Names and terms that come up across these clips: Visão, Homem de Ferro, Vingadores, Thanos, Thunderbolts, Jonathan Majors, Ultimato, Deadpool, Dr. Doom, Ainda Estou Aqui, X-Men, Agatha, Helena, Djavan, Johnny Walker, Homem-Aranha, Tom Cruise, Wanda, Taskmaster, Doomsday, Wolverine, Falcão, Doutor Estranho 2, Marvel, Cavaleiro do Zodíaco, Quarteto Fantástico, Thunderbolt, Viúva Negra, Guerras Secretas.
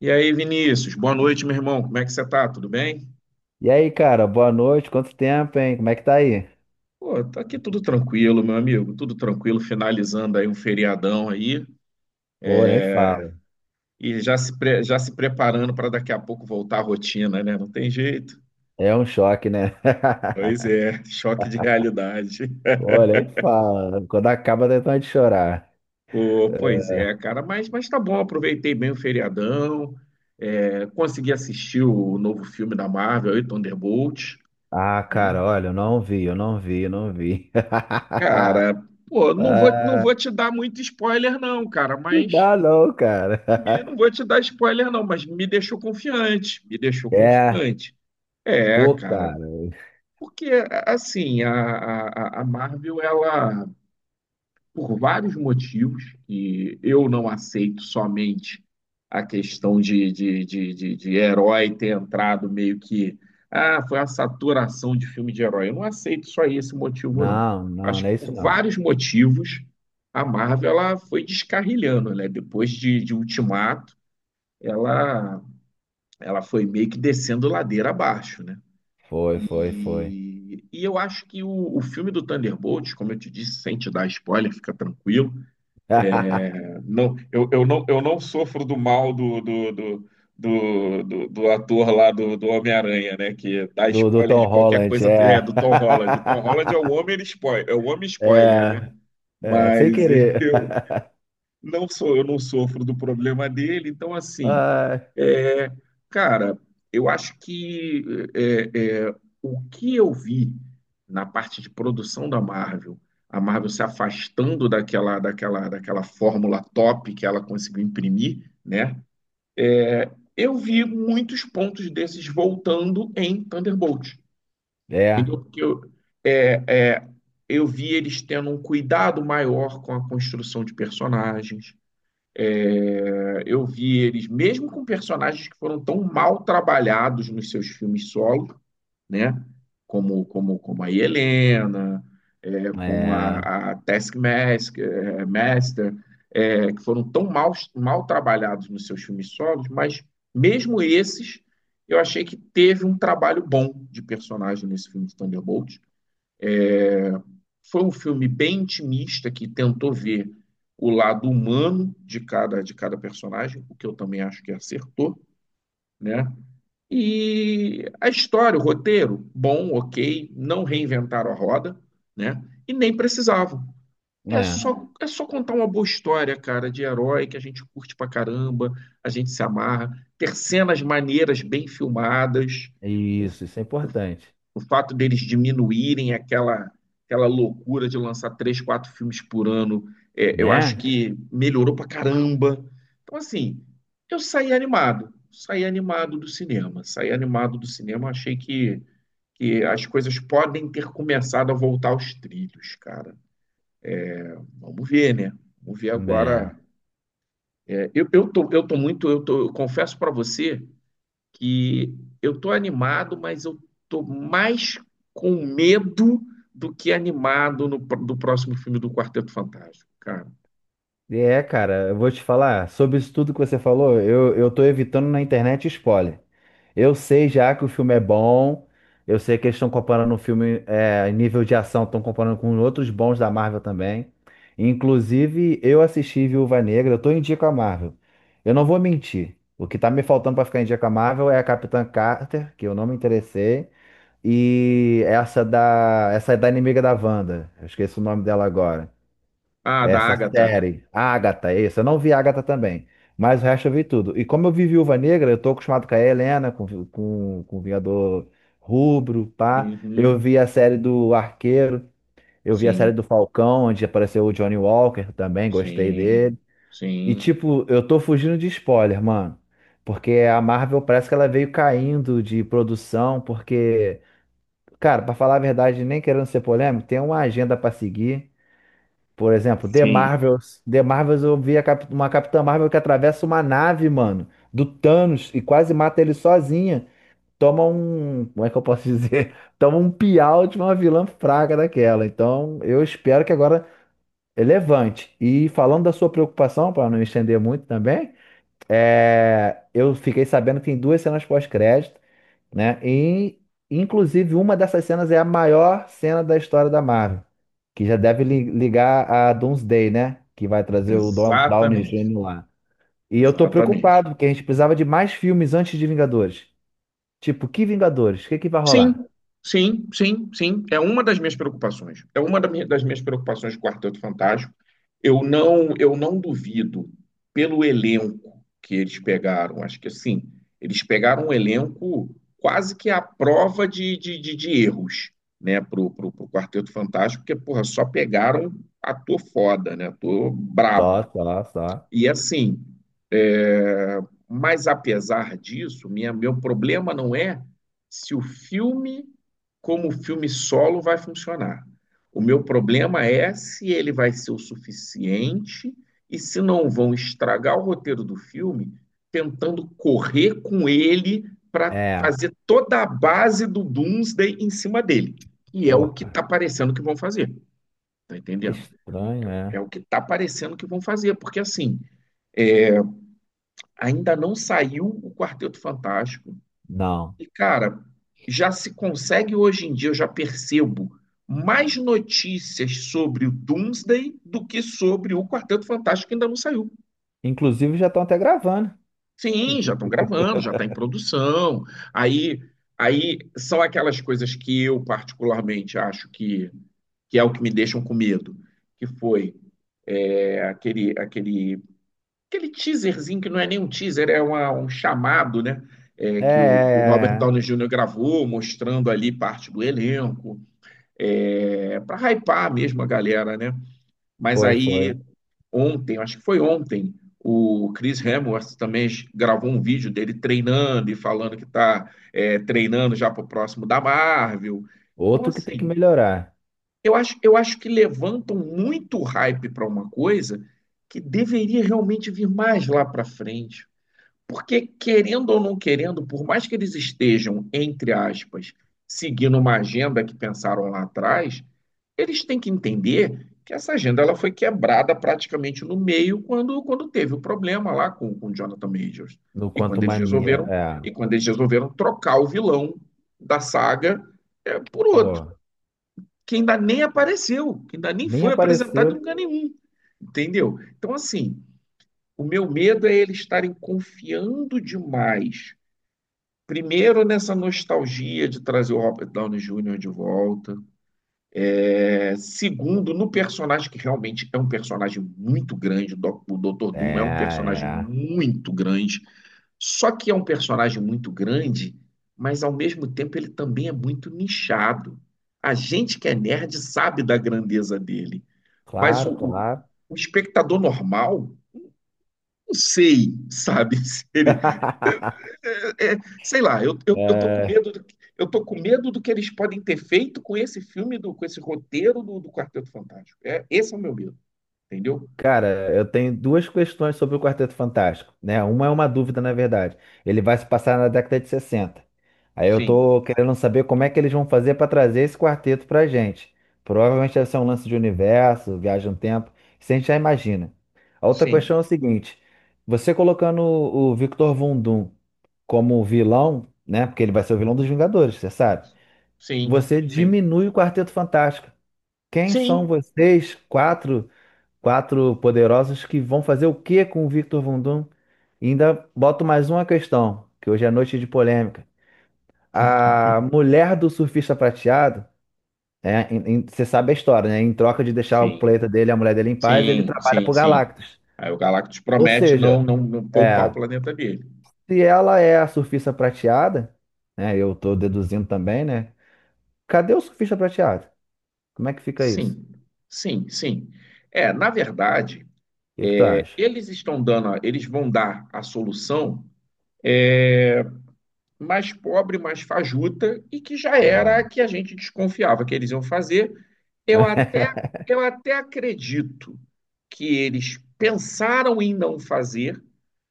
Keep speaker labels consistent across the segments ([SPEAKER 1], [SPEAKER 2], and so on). [SPEAKER 1] E aí, Vinícius, boa noite, meu irmão. Como é que você tá? Tudo bem?
[SPEAKER 2] E aí, cara, boa noite. Quanto tempo, hein? Como é que tá aí?
[SPEAKER 1] Pô, tá aqui tudo tranquilo, meu amigo. Tudo tranquilo, finalizando aí um feriadão aí
[SPEAKER 2] Pô, nem fala.
[SPEAKER 1] e já se preparando para daqui a pouco voltar à rotina, né? Não tem jeito.
[SPEAKER 2] É um choque, né?
[SPEAKER 1] Pois é, choque de realidade.
[SPEAKER 2] Pô, nem fala. Quando acaba, dá vontade de chorar.
[SPEAKER 1] Pô, pois
[SPEAKER 2] É.
[SPEAKER 1] é, cara, mas tá bom, aproveitei bem o feriadão, é, consegui assistir o novo filme da Marvel, aí, Thunderbolt,
[SPEAKER 2] Ah,
[SPEAKER 1] né?
[SPEAKER 2] cara, olha, eu não vi, eu não vi, eu não vi.
[SPEAKER 1] Cara, pô, não vou, não
[SPEAKER 2] Ah,
[SPEAKER 1] vou te dar muito spoiler, não, cara,
[SPEAKER 2] não
[SPEAKER 1] mas
[SPEAKER 2] dá não, cara.
[SPEAKER 1] me- não vou te dar spoiler, não, mas me deixou confiante, me deixou
[SPEAKER 2] É,
[SPEAKER 1] confiante. É,
[SPEAKER 2] pô,
[SPEAKER 1] cara,
[SPEAKER 2] cara.
[SPEAKER 1] porque assim, a Marvel, ela, por vários motivos, e eu não aceito somente a questão de herói ter entrado meio que, ah, foi a saturação de filme de herói. Eu não aceito só esse motivo, não.
[SPEAKER 2] Não, não,
[SPEAKER 1] Acho
[SPEAKER 2] não
[SPEAKER 1] que
[SPEAKER 2] é isso
[SPEAKER 1] por
[SPEAKER 2] não.
[SPEAKER 1] vários motivos, a Marvel, ela foi descarrilhando, né? Depois de Ultimato, ela ela foi meio que descendo ladeira abaixo, né?
[SPEAKER 2] Foi, foi, foi.
[SPEAKER 1] E eu acho que o filme do Thunderbolts, como eu te disse, sem te dar spoiler, fica tranquilo. É, não, eu não sofro do mal do ator lá do Homem-Aranha, né? Que dá
[SPEAKER 2] Do
[SPEAKER 1] spoiler de
[SPEAKER 2] Tom
[SPEAKER 1] qualquer
[SPEAKER 2] Holland,
[SPEAKER 1] coisa. É,
[SPEAKER 2] é.
[SPEAKER 1] do Tom Holland. O Tom Holland é o homem spoiler, é o homem spoiler, né?
[SPEAKER 2] É, é, sem
[SPEAKER 1] Mas
[SPEAKER 2] querer.
[SPEAKER 1] eu, não sou, eu não sofro do problema dele. Então, assim,
[SPEAKER 2] Ai.
[SPEAKER 1] é, cara, eu acho que é, é, o que eu vi na parte de produção da Marvel, a Marvel se afastando daquela fórmula top que ela conseguiu imprimir, né? Eu vi muitos pontos desses voltando em Thunderbolt.
[SPEAKER 2] É,
[SPEAKER 1] Entendeu? Porque eu, é, é, eu vi eles tendo um cuidado maior com a construção de personagens, é, eu vi eles, mesmo com personagens que foram tão mal trabalhados nos seus filmes solo, né? Como a Helena, é, como
[SPEAKER 2] é,
[SPEAKER 1] a Taskmaster, é, Master, é, que foram tão mal, mal trabalhados nos seus filmes solos, mas mesmo esses, eu achei que teve um trabalho bom de personagem nesse filme de Thunderbolt. Foi um filme bem intimista que tentou ver o lado humano de cada personagem, o que eu também acho que acertou, né? E a história, o roteiro, bom, ok, não reinventaram a roda, né? E nem precisavam.
[SPEAKER 2] é.
[SPEAKER 1] É só contar uma boa história, cara, de herói que a gente curte pra caramba, a gente se amarra, ter cenas maneiras bem filmadas. O,
[SPEAKER 2] Isso é
[SPEAKER 1] o
[SPEAKER 2] importante,
[SPEAKER 1] o fato deles diminuírem aquela loucura de lançar três, quatro filmes por ano, é, eu acho
[SPEAKER 2] né?
[SPEAKER 1] que melhorou pra caramba. Então, assim, eu saí animado do cinema, saí animado do cinema, achei que as coisas podem ter começado a voltar aos trilhos, cara. Vamos ver, né? Vamos ver
[SPEAKER 2] É.
[SPEAKER 1] agora. É, eu tô muito, eu tô, eu confesso pra você que eu tô animado, mas eu tô mais com medo do que animado no, pr- do próximo filme do Quarteto Fantástico, cara.
[SPEAKER 2] É, cara, eu vou te falar, sobre isso tudo que você falou, eu tô evitando na internet spoiler. Eu sei já que o filme é bom, eu sei que eles estão comparando o filme, é, em nível de ação, estão comparando com outros bons da Marvel também. Inclusive, eu assisti Viúva Negra, eu tô em dia com a Marvel. Eu não vou mentir, o que tá me faltando pra ficar em dia com a Marvel é a Capitã Carter, que eu não me interessei. E essa da, essa é da inimiga da Wanda. Eu esqueci o nome dela agora.
[SPEAKER 1] Ah,
[SPEAKER 2] É,
[SPEAKER 1] da
[SPEAKER 2] essa
[SPEAKER 1] Agatha.
[SPEAKER 2] série, Agatha, isso. Eu não vi Agatha também, mas o resto eu vi tudo. E como eu vi Viúva Negra, eu tô acostumado com a Helena, com o Vingador Rubro, pá. Eu
[SPEAKER 1] Uhum.
[SPEAKER 2] vi a série do Arqueiro, eu vi a série do
[SPEAKER 1] Sim,
[SPEAKER 2] Falcão, onde apareceu o Johnny Walker também, gostei
[SPEAKER 1] sim,
[SPEAKER 2] dele. E
[SPEAKER 1] sim,
[SPEAKER 2] tipo, eu tô fugindo de spoiler, mano. Porque a Marvel parece que ela veio caindo de produção, porque. Cara, pra falar a verdade, nem querendo ser polêmico, tem uma agenda pra seguir. Por exemplo, The
[SPEAKER 1] sim.
[SPEAKER 2] Marvels. The Marvels, eu vi a uma Capitã Marvel que atravessa uma nave, mano, do Thanos e quase mata ele sozinha. Toma um. Como é que eu posso dizer? Toma um piau de uma vilã fraca daquela. Então, eu espero que agora é levante. E falando da sua preocupação, pra não me estender muito também, é, eu fiquei sabendo que tem duas cenas pós-crédito, né? E, inclusive, uma dessas cenas é a maior cena da história da Marvel, que já deve ligar a Doomsday, né? Que vai trazer o Downey
[SPEAKER 1] Exatamente,
[SPEAKER 2] Jr. lá. E eu tô
[SPEAKER 1] exatamente.
[SPEAKER 2] preocupado, porque a gente precisava de mais filmes antes de Vingadores. Tipo, que Vingadores? O que que vai
[SPEAKER 1] Sim,
[SPEAKER 2] rolar?
[SPEAKER 1] sim, sim, sim. É uma das minhas preocupações. É uma das minhas preocupações com o Quarteto Fantástico. Eu não duvido pelo elenco que eles pegaram. Acho que assim, eles pegaram um elenco quase que à prova de erros, né, pro Quarteto Fantástico, porque, porra, só pegaram ator foda, né, ator
[SPEAKER 2] Só,
[SPEAKER 1] brabo.
[SPEAKER 2] só, só.
[SPEAKER 1] E assim, é, mas, apesar disso, meu problema não é se o filme, como filme solo, vai funcionar. O meu problema é se ele vai ser o suficiente e se não vão estragar o roteiro do filme tentando correr com ele para
[SPEAKER 2] É,
[SPEAKER 1] fazer toda a base do Doomsday em cima dele. E é
[SPEAKER 2] pô,
[SPEAKER 1] o que
[SPEAKER 2] cara,
[SPEAKER 1] está parecendo que vão fazer, tá entendendo?
[SPEAKER 2] estranho,
[SPEAKER 1] É
[SPEAKER 2] é.
[SPEAKER 1] o que está parecendo que vão fazer, porque assim, é, ainda não saiu o Quarteto Fantástico.
[SPEAKER 2] Não.
[SPEAKER 1] E, cara, já se consegue hoje em dia, eu já percebo mais notícias sobre o Doomsday do que sobre o Quarteto Fantástico que ainda não saiu.
[SPEAKER 2] Inclusive, já estão até gravando.
[SPEAKER 1] Sim, já estão gravando, já está em produção. Aí, aí são aquelas coisas que eu particularmente acho que é o que me deixam com medo, que foi é, aquele, aquele aquele teaserzinho que não é nem um teaser, um chamado, né? É,
[SPEAKER 2] É, é,
[SPEAKER 1] que o Robert
[SPEAKER 2] é, é.
[SPEAKER 1] Downey Jr. gravou, mostrando ali parte do elenco, é, para hypar mesmo a galera, né? Mas
[SPEAKER 2] Foi,
[SPEAKER 1] aí
[SPEAKER 2] foi.
[SPEAKER 1] ontem, acho que foi ontem, o Chris Hemsworth também gravou um vídeo dele treinando e falando que está treinando já para o próximo da Marvel. Então,
[SPEAKER 2] Outro que tem que
[SPEAKER 1] assim,
[SPEAKER 2] melhorar
[SPEAKER 1] eu acho que levantam muito hype para uma coisa que deveria realmente vir mais lá para frente. Porque, querendo ou não querendo, por mais que eles estejam, entre aspas, seguindo uma agenda que pensaram lá atrás, eles têm que entender que essa agenda ela foi quebrada praticamente no meio quando teve o problema lá com Jonathan Majors.
[SPEAKER 2] no
[SPEAKER 1] E
[SPEAKER 2] Quanto
[SPEAKER 1] quando eles
[SPEAKER 2] Mania.
[SPEAKER 1] resolveram,
[SPEAKER 2] É,
[SPEAKER 1] e quando eles resolveram trocar o vilão da saga é, por outro,
[SPEAKER 2] pô.
[SPEAKER 1] que ainda nem apareceu, que ainda nem
[SPEAKER 2] Nem
[SPEAKER 1] foi apresentado em
[SPEAKER 2] apareceu.
[SPEAKER 1] lugar nenhum. Entendeu? Então, assim, o meu medo é eles estarem confiando demais. Primeiro, nessa nostalgia de trazer o Robert Downey Jr. de volta. É, segundo, no personagem que realmente é um personagem muito grande. O Dr.
[SPEAKER 2] É,
[SPEAKER 1] Doom é um personagem
[SPEAKER 2] é.
[SPEAKER 1] muito grande. Só que é um personagem muito grande, mas ao mesmo tempo ele também é muito nichado. A gente que é nerd sabe da grandeza dele, mas
[SPEAKER 2] Claro, claro.
[SPEAKER 1] o espectador normal, não sei, sabe, se ele sei lá, eu tô com
[SPEAKER 2] É,
[SPEAKER 1] medo do, que- eu tô com medo do que eles podem ter feito com esse filme, com esse roteiro do Quarteto Fantástico. É, esse é o meu medo, entendeu?
[SPEAKER 2] cara, eu tenho duas questões sobre o Quarteto Fantástico, né? Uma é uma dúvida, na verdade. Ele vai se passar na década de 60. Aí eu
[SPEAKER 1] Sim,
[SPEAKER 2] tô querendo saber como é que eles vão fazer para trazer esse quarteto pra gente. Provavelmente deve ser um lance de universo, viagem no tempo, isso a gente já imagina. A outra questão
[SPEAKER 1] sim,
[SPEAKER 2] é o seguinte: você colocando o Victor Von Doom como vilão, né? Porque ele vai ser o vilão dos Vingadores, você sabe?
[SPEAKER 1] sim,
[SPEAKER 2] Você
[SPEAKER 1] sim,
[SPEAKER 2] diminui o Quarteto Fantástico. Quem são
[SPEAKER 1] sim,
[SPEAKER 2] vocês, quatro, quatro poderosos, que vão fazer o que com o Victor Von Doom? E ainda boto mais uma questão, que hoje é noite de polêmica. A mulher do surfista prateado, é, você sabe a história, né? Em troca de deixar o
[SPEAKER 1] sim,
[SPEAKER 2] planeta dele, a mulher dele em paz, ele
[SPEAKER 1] sim,
[SPEAKER 2] trabalha
[SPEAKER 1] sim,
[SPEAKER 2] pro
[SPEAKER 1] sim.
[SPEAKER 2] Galactus.
[SPEAKER 1] Aí o Galactus
[SPEAKER 2] Ou
[SPEAKER 1] promete
[SPEAKER 2] seja,
[SPEAKER 1] não poupar o
[SPEAKER 2] é,
[SPEAKER 1] planeta dele.
[SPEAKER 2] se ela é a surfista prateada, né? Eu tô deduzindo também, né? Cadê o surfista prateado? Como é que fica isso?
[SPEAKER 1] Sim, sim, sim. É, na verdade,
[SPEAKER 2] O que que tu acha?
[SPEAKER 1] eles vão dar a solução mais pobre, mais fajuta, e que já era
[SPEAKER 2] Ah.
[SPEAKER 1] a que a gente desconfiava que eles iam fazer. Eu até, eu até acredito que eles pensaram em não fazer,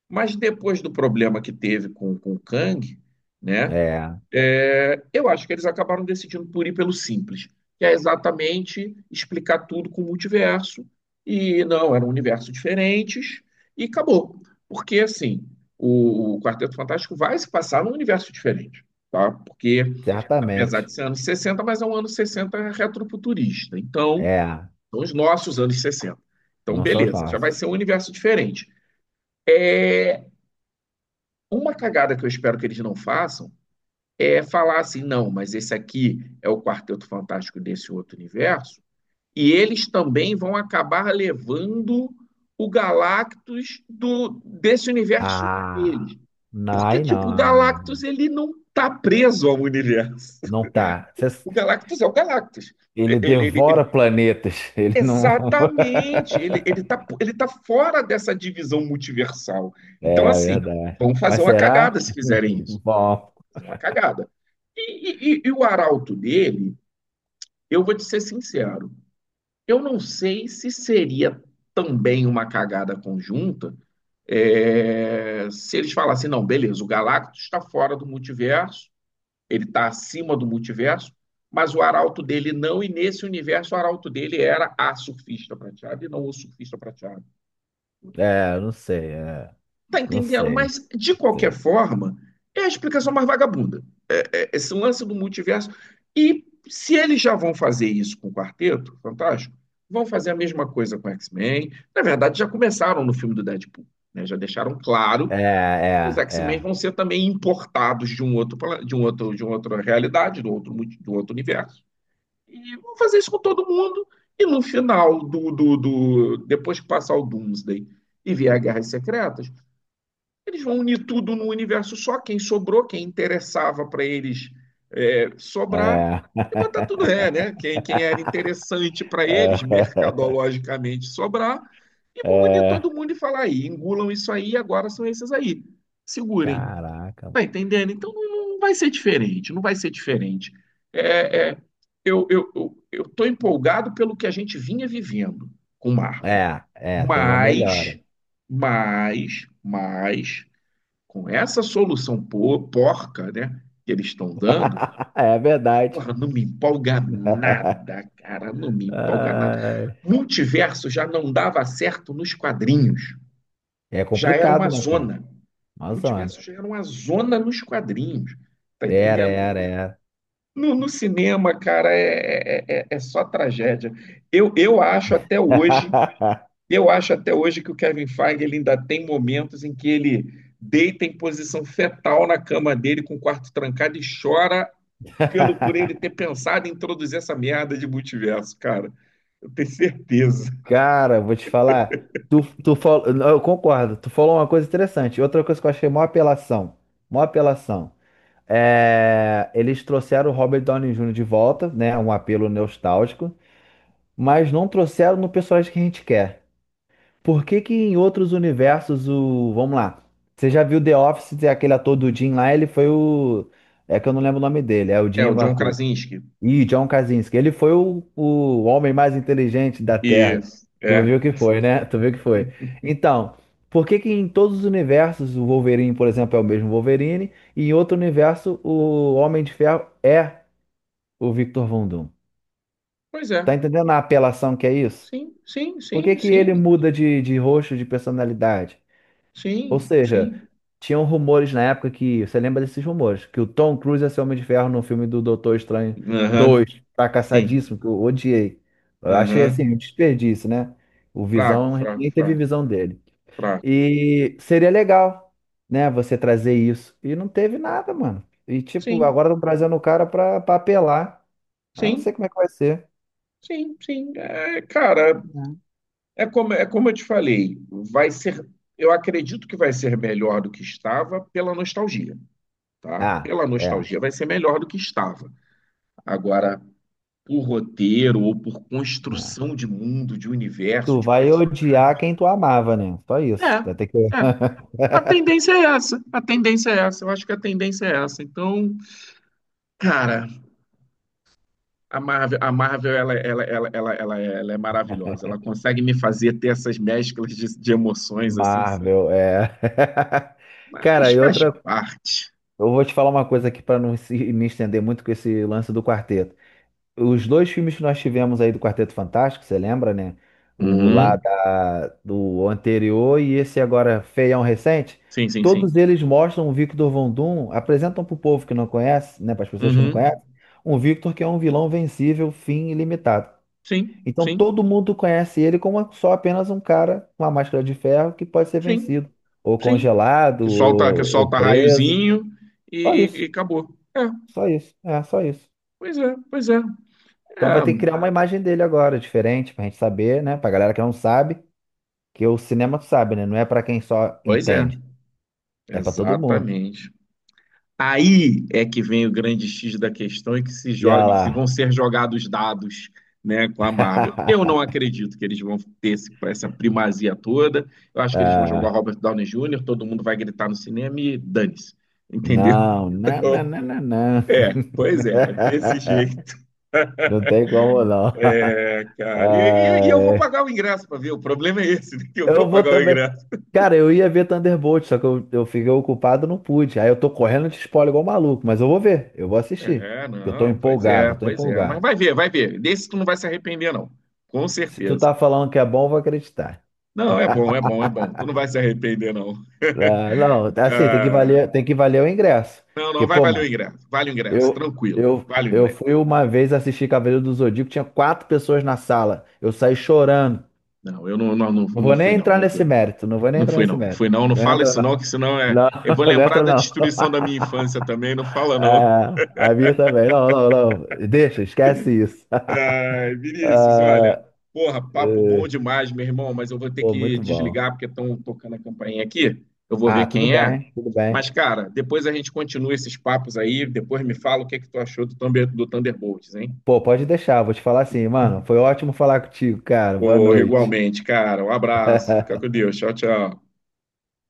[SPEAKER 1] mas depois do problema que teve com o Kang, né?
[SPEAKER 2] É,
[SPEAKER 1] É, eu acho que eles acabaram decidindo por ir pelo simples, que é exatamente explicar tudo com o multiverso. E não, eram universos diferentes e acabou. Porque, assim, o Quarteto Fantástico vai se passar num universo diferente, tá? Porque, apesar
[SPEAKER 2] certamente.
[SPEAKER 1] de ser anos 60, mas é um ano 60 retrofuturista. Então,
[SPEAKER 2] É,
[SPEAKER 1] são os nossos anos 60. Então,
[SPEAKER 2] não são os
[SPEAKER 1] beleza, já vai
[SPEAKER 2] nossos.
[SPEAKER 1] ser um universo diferente. É uma cagada que eu espero que eles não façam é, falar assim, não, mas esse aqui é o Quarteto Fantástico desse outro universo, e eles também vão acabar levando o Galactus desse universo
[SPEAKER 2] Ah,
[SPEAKER 1] dele.
[SPEAKER 2] não,
[SPEAKER 1] Porque,
[SPEAKER 2] aí
[SPEAKER 1] tipo, o Galactus
[SPEAKER 2] não,
[SPEAKER 1] ele não está preso ao universo.
[SPEAKER 2] não tá.
[SPEAKER 1] O Galactus é o Galactus.
[SPEAKER 2] Ele
[SPEAKER 1] Ele, ele,
[SPEAKER 2] devora
[SPEAKER 1] ele-
[SPEAKER 2] planetas. Ele não.
[SPEAKER 1] exatamente, ele tá fora dessa divisão multiversal. Então,
[SPEAKER 2] É
[SPEAKER 1] assim,
[SPEAKER 2] verdade.
[SPEAKER 1] vão fazer
[SPEAKER 2] Mas
[SPEAKER 1] uma cagada
[SPEAKER 2] será?
[SPEAKER 1] se fizerem isso,
[SPEAKER 2] Bom,
[SPEAKER 1] fazer uma cagada. E o arauto dele, eu vou te ser sincero, eu não sei se seria também uma cagada conjunta é, se eles falassem, não, beleza, o Galactus está fora do multiverso, ele está acima do multiverso, mas o arauto dele não, e nesse universo o arauto dele era a surfista prateada e não o surfista prateado.
[SPEAKER 2] é,
[SPEAKER 1] Tá
[SPEAKER 2] não
[SPEAKER 1] entendendo?
[SPEAKER 2] sei,
[SPEAKER 1] Mas, de qualquer
[SPEAKER 2] sei.
[SPEAKER 1] forma, é a explicação mais vagabunda, esse lance do multiverso. E se eles já vão fazer isso com o Quarteto Fantástico, vão fazer a mesma coisa com o X-Men. Na verdade, já começaram no filme do Deadpool, né? Já deixaram claro
[SPEAKER 2] É,
[SPEAKER 1] que os
[SPEAKER 2] é,
[SPEAKER 1] X-Men
[SPEAKER 2] é,
[SPEAKER 1] vão ser também importados de um outro de uma outra realidade, do outro universo. E vão fazer isso com todo mundo. E no final do depois que passar o Doomsday e vier a Guerras Secretas, eles vão unir tudo no universo só, quem sobrou, quem interessava para eles é, sobrar,
[SPEAKER 2] é.
[SPEAKER 1] e botar tudo é, né? Quem, quem era interessante para eles, mercadologicamente, sobrar, e vão unir
[SPEAKER 2] É,
[SPEAKER 1] todo mundo e falar aí, engulam isso aí, agora são esses aí. Segurem.
[SPEAKER 2] caraca.
[SPEAKER 1] Tá entendendo? Então não, não vai ser diferente, não vai ser diferente. É, é, eu tô empolgado pelo que a gente vinha vivendo com Marvel.
[SPEAKER 2] É, é, tem uma
[SPEAKER 1] Mas,
[SPEAKER 2] melhora.
[SPEAKER 1] mas com essa solução porca, né, que eles estão dando,
[SPEAKER 2] É verdade.
[SPEAKER 1] porra, não me empolga nada, cara, não me empolga nada.
[SPEAKER 2] Ai,
[SPEAKER 1] Multiverso já não dava certo nos quadrinhos,
[SPEAKER 2] é
[SPEAKER 1] já era uma
[SPEAKER 2] complicado, né, cara?
[SPEAKER 1] zona.
[SPEAKER 2] Nossa, mano.
[SPEAKER 1] Multiverso já era uma zona nos quadrinhos, tá
[SPEAKER 2] Era, era,
[SPEAKER 1] entendendo?
[SPEAKER 2] era.
[SPEAKER 1] No cinema, cara, é só tragédia. Eu, eu acho até hoje Eu acho até hoje que o Kevin Feige ele ainda tem momentos em que ele deita em posição fetal na cama dele com o quarto trancado e chora pelo por ele ter pensado em introduzir essa merda de multiverso, cara. Eu tenho certeza.
[SPEAKER 2] Cara, eu vou te falar. Eu concordo. Tu falou uma coisa interessante. Outra coisa que eu achei mó apelação. Mó apelação. Eles trouxeram o Robert Downey Jr. de volta, né? Um apelo nostálgico. Mas não trouxeram no personagem que a gente quer. Por que que em outros universos o. Vamos lá. Você já viu The Office, aquele ator do Jim lá, ele foi o. É que eu não lembro o nome dele, é o
[SPEAKER 1] É,
[SPEAKER 2] Jim
[SPEAKER 1] o
[SPEAKER 2] alguma
[SPEAKER 1] John
[SPEAKER 2] coisa.
[SPEAKER 1] Krasinski.
[SPEAKER 2] Ih, John Krasinski. Ele foi o homem mais inteligente da Terra.
[SPEAKER 1] Isso,
[SPEAKER 2] Tu
[SPEAKER 1] é.
[SPEAKER 2] viu que foi, né? Tu viu que foi. Então, por que que em todos os universos o Wolverine, por exemplo, é o mesmo Wolverine, e em outro universo o Homem de Ferro é o Victor Von Doom?
[SPEAKER 1] Pois é.
[SPEAKER 2] Tá entendendo a apelação que é isso?
[SPEAKER 1] Sim, sim,
[SPEAKER 2] Por que
[SPEAKER 1] sim,
[SPEAKER 2] que ele
[SPEAKER 1] sim,
[SPEAKER 2] muda de rosto, de personalidade? Ou
[SPEAKER 1] sim,
[SPEAKER 2] seja,
[SPEAKER 1] sim.
[SPEAKER 2] tinham rumores na época que, você lembra desses rumores, que o Tom Cruise ia ser Homem de Ferro no filme do Doutor Estranho
[SPEAKER 1] Aham,
[SPEAKER 2] 2,
[SPEAKER 1] sim,
[SPEAKER 2] fracassadíssimo, que eu odiei. Eu achei assim,
[SPEAKER 1] aham.
[SPEAKER 2] um desperdício, né? O
[SPEAKER 1] Fraco,
[SPEAKER 2] Visão, a gente
[SPEAKER 1] fraco,
[SPEAKER 2] nem teve
[SPEAKER 1] fraco,
[SPEAKER 2] visão dele.
[SPEAKER 1] fraco.
[SPEAKER 2] E seria legal, né, você trazer isso. E não teve nada, mano. E tipo,
[SPEAKER 1] Sim,
[SPEAKER 2] agora estão trazendo o cara pra apelar. Eu não
[SPEAKER 1] sim,
[SPEAKER 2] sei como é que vai ser.
[SPEAKER 1] sim, sim. É, cara, é como, é como eu te falei, vai ser, eu acredito que vai ser melhor do que estava pela nostalgia, tá?
[SPEAKER 2] Ah,
[SPEAKER 1] Pela
[SPEAKER 2] é.
[SPEAKER 1] nostalgia vai ser melhor do que estava. Agora, por roteiro ou por
[SPEAKER 2] Ah.
[SPEAKER 1] construção de mundo, de universo,
[SPEAKER 2] Tu
[SPEAKER 1] de
[SPEAKER 2] vai odiar
[SPEAKER 1] personagens,
[SPEAKER 2] quem tu amava, né? Só isso. Vai ter que.
[SPEAKER 1] é, é. A tendência é essa. A tendência é essa. Eu acho que a tendência é essa. Então, cara, a Marvel ela é maravilhosa. Ela consegue me fazer ter essas mesclas de emoções assim que são...
[SPEAKER 2] Marvel, é.
[SPEAKER 1] Mas
[SPEAKER 2] Cara, e
[SPEAKER 1] faz
[SPEAKER 2] outra,
[SPEAKER 1] parte.
[SPEAKER 2] eu vou te falar uma coisa aqui para não me estender muito com esse lance do quarteto. Os dois filmes que nós tivemos aí do Quarteto Fantástico, você lembra, né? O lá
[SPEAKER 1] Uhum.
[SPEAKER 2] do anterior e esse agora feião recente.
[SPEAKER 1] Sim, sim,
[SPEAKER 2] Todos
[SPEAKER 1] sim.
[SPEAKER 2] eles mostram o Victor Von Doom, apresentam para o povo que não conhece, né, para as pessoas que não conhecem,
[SPEAKER 1] Uhum.
[SPEAKER 2] um Victor que é um vilão vencível, fim ilimitado.
[SPEAKER 1] Sim,
[SPEAKER 2] Então
[SPEAKER 1] sim,
[SPEAKER 2] todo mundo conhece ele como só apenas um cara com uma máscara de ferro que pode ser
[SPEAKER 1] sim,
[SPEAKER 2] vencido, ou
[SPEAKER 1] sim. Que
[SPEAKER 2] congelado,
[SPEAKER 1] solta, que
[SPEAKER 2] ou
[SPEAKER 1] solta
[SPEAKER 2] preso.
[SPEAKER 1] raiozinho
[SPEAKER 2] Só isso,
[SPEAKER 1] e acabou. É,
[SPEAKER 2] só isso, é, só isso.
[SPEAKER 1] pois é, pois é.
[SPEAKER 2] Então vai ter que criar
[SPEAKER 1] É,
[SPEAKER 2] uma imagem dele agora, diferente, pra gente saber, né? Pra galera que não sabe, que o cinema tu sabe, né? Não é pra quem só
[SPEAKER 1] pois é.
[SPEAKER 2] entende, é pra todo mundo.
[SPEAKER 1] Exatamente. Aí é que vem o grande X da questão e que se
[SPEAKER 2] E olha
[SPEAKER 1] joga, que vão
[SPEAKER 2] lá.
[SPEAKER 1] ser jogados dados, né, com a Marvel. Eu não acredito que eles vão ter essa primazia toda. Eu acho que eles vão jogar
[SPEAKER 2] Ah,
[SPEAKER 1] Robert Downey Jr., todo mundo vai gritar no cinema e dane-se. Entendeu?
[SPEAKER 2] não, não, não, não, não, não.
[SPEAKER 1] É, pois é, é desse jeito.
[SPEAKER 2] Não tem como não.
[SPEAKER 1] É, cara, e eu vou
[SPEAKER 2] Ai,
[SPEAKER 1] pagar o ingresso para ver, o problema é esse, né, que eu vou
[SPEAKER 2] eu vou
[SPEAKER 1] pagar o
[SPEAKER 2] também.
[SPEAKER 1] ingresso.
[SPEAKER 2] Cara, eu ia ver Thunderbolt, só que eu fiquei ocupado, não pude. Aí eu tô correndo de spoiler igual maluco, mas eu vou ver, eu vou assistir.
[SPEAKER 1] É,
[SPEAKER 2] Porque eu tô
[SPEAKER 1] não,
[SPEAKER 2] empolgado, eu tô
[SPEAKER 1] pois é, mas
[SPEAKER 2] empolgado.
[SPEAKER 1] vai ver, vai ver. Desse tu não vai se arrepender, não, com
[SPEAKER 2] Se tu
[SPEAKER 1] certeza.
[SPEAKER 2] tá falando que é bom, eu vou acreditar.
[SPEAKER 1] Não, é bom, é bom, é bom, tu não vai se arrepender, não.
[SPEAKER 2] Ah, não, assim,
[SPEAKER 1] Ah,
[SPEAKER 2] tem que valer o ingresso.
[SPEAKER 1] não,
[SPEAKER 2] Porque,
[SPEAKER 1] não, vai
[SPEAKER 2] pô,
[SPEAKER 1] valer o
[SPEAKER 2] mano,
[SPEAKER 1] ingresso, vale o ingresso,
[SPEAKER 2] eu,
[SPEAKER 1] tranquilo,
[SPEAKER 2] eu,
[SPEAKER 1] vale o
[SPEAKER 2] eu
[SPEAKER 1] ingresso.
[SPEAKER 2] fui uma vez assistir Cavaleiro do Zodíaco, tinha quatro pessoas na sala. Eu saí chorando.
[SPEAKER 1] Não, eu não, não, não,
[SPEAKER 2] Não
[SPEAKER 1] não
[SPEAKER 2] vou
[SPEAKER 1] fui,
[SPEAKER 2] nem
[SPEAKER 1] não,
[SPEAKER 2] entrar
[SPEAKER 1] não fui,
[SPEAKER 2] nesse
[SPEAKER 1] não.
[SPEAKER 2] mérito, não vou nem
[SPEAKER 1] Não
[SPEAKER 2] entrar
[SPEAKER 1] fui,
[SPEAKER 2] nesse
[SPEAKER 1] não,
[SPEAKER 2] mérito.
[SPEAKER 1] fui, não, não
[SPEAKER 2] Não
[SPEAKER 1] fala
[SPEAKER 2] entra,
[SPEAKER 1] isso,
[SPEAKER 2] não.
[SPEAKER 1] não, que senão é.
[SPEAKER 2] Não,
[SPEAKER 1] Eu vou
[SPEAKER 2] não
[SPEAKER 1] lembrar
[SPEAKER 2] entra,
[SPEAKER 1] da
[SPEAKER 2] não.
[SPEAKER 1] destruição da minha infância também, não fala, não.
[SPEAKER 2] Ah, a minha também. Não, não, não. Deixa, esquece isso.
[SPEAKER 1] Ai, Vinícius, olha,
[SPEAKER 2] Ah,
[SPEAKER 1] porra, papo bom
[SPEAKER 2] eh,
[SPEAKER 1] demais, meu irmão, mas eu vou ter
[SPEAKER 2] pô,
[SPEAKER 1] que
[SPEAKER 2] muito bom.
[SPEAKER 1] desligar porque estão tocando a campainha aqui. Eu vou ver
[SPEAKER 2] Ah, tudo
[SPEAKER 1] quem é.
[SPEAKER 2] bem, tudo bem.
[SPEAKER 1] Mas, cara, depois a gente continua esses papos aí. Depois me fala o que é que tu achou do, Thunder, do Thunderbolts, hein?
[SPEAKER 2] Pô, pode deixar, vou te falar assim, mano. Foi ótimo falar contigo, cara. Boa
[SPEAKER 1] Porra,
[SPEAKER 2] noite.
[SPEAKER 1] igualmente, cara. Um abraço. Fica com Deus. Tchau, tchau.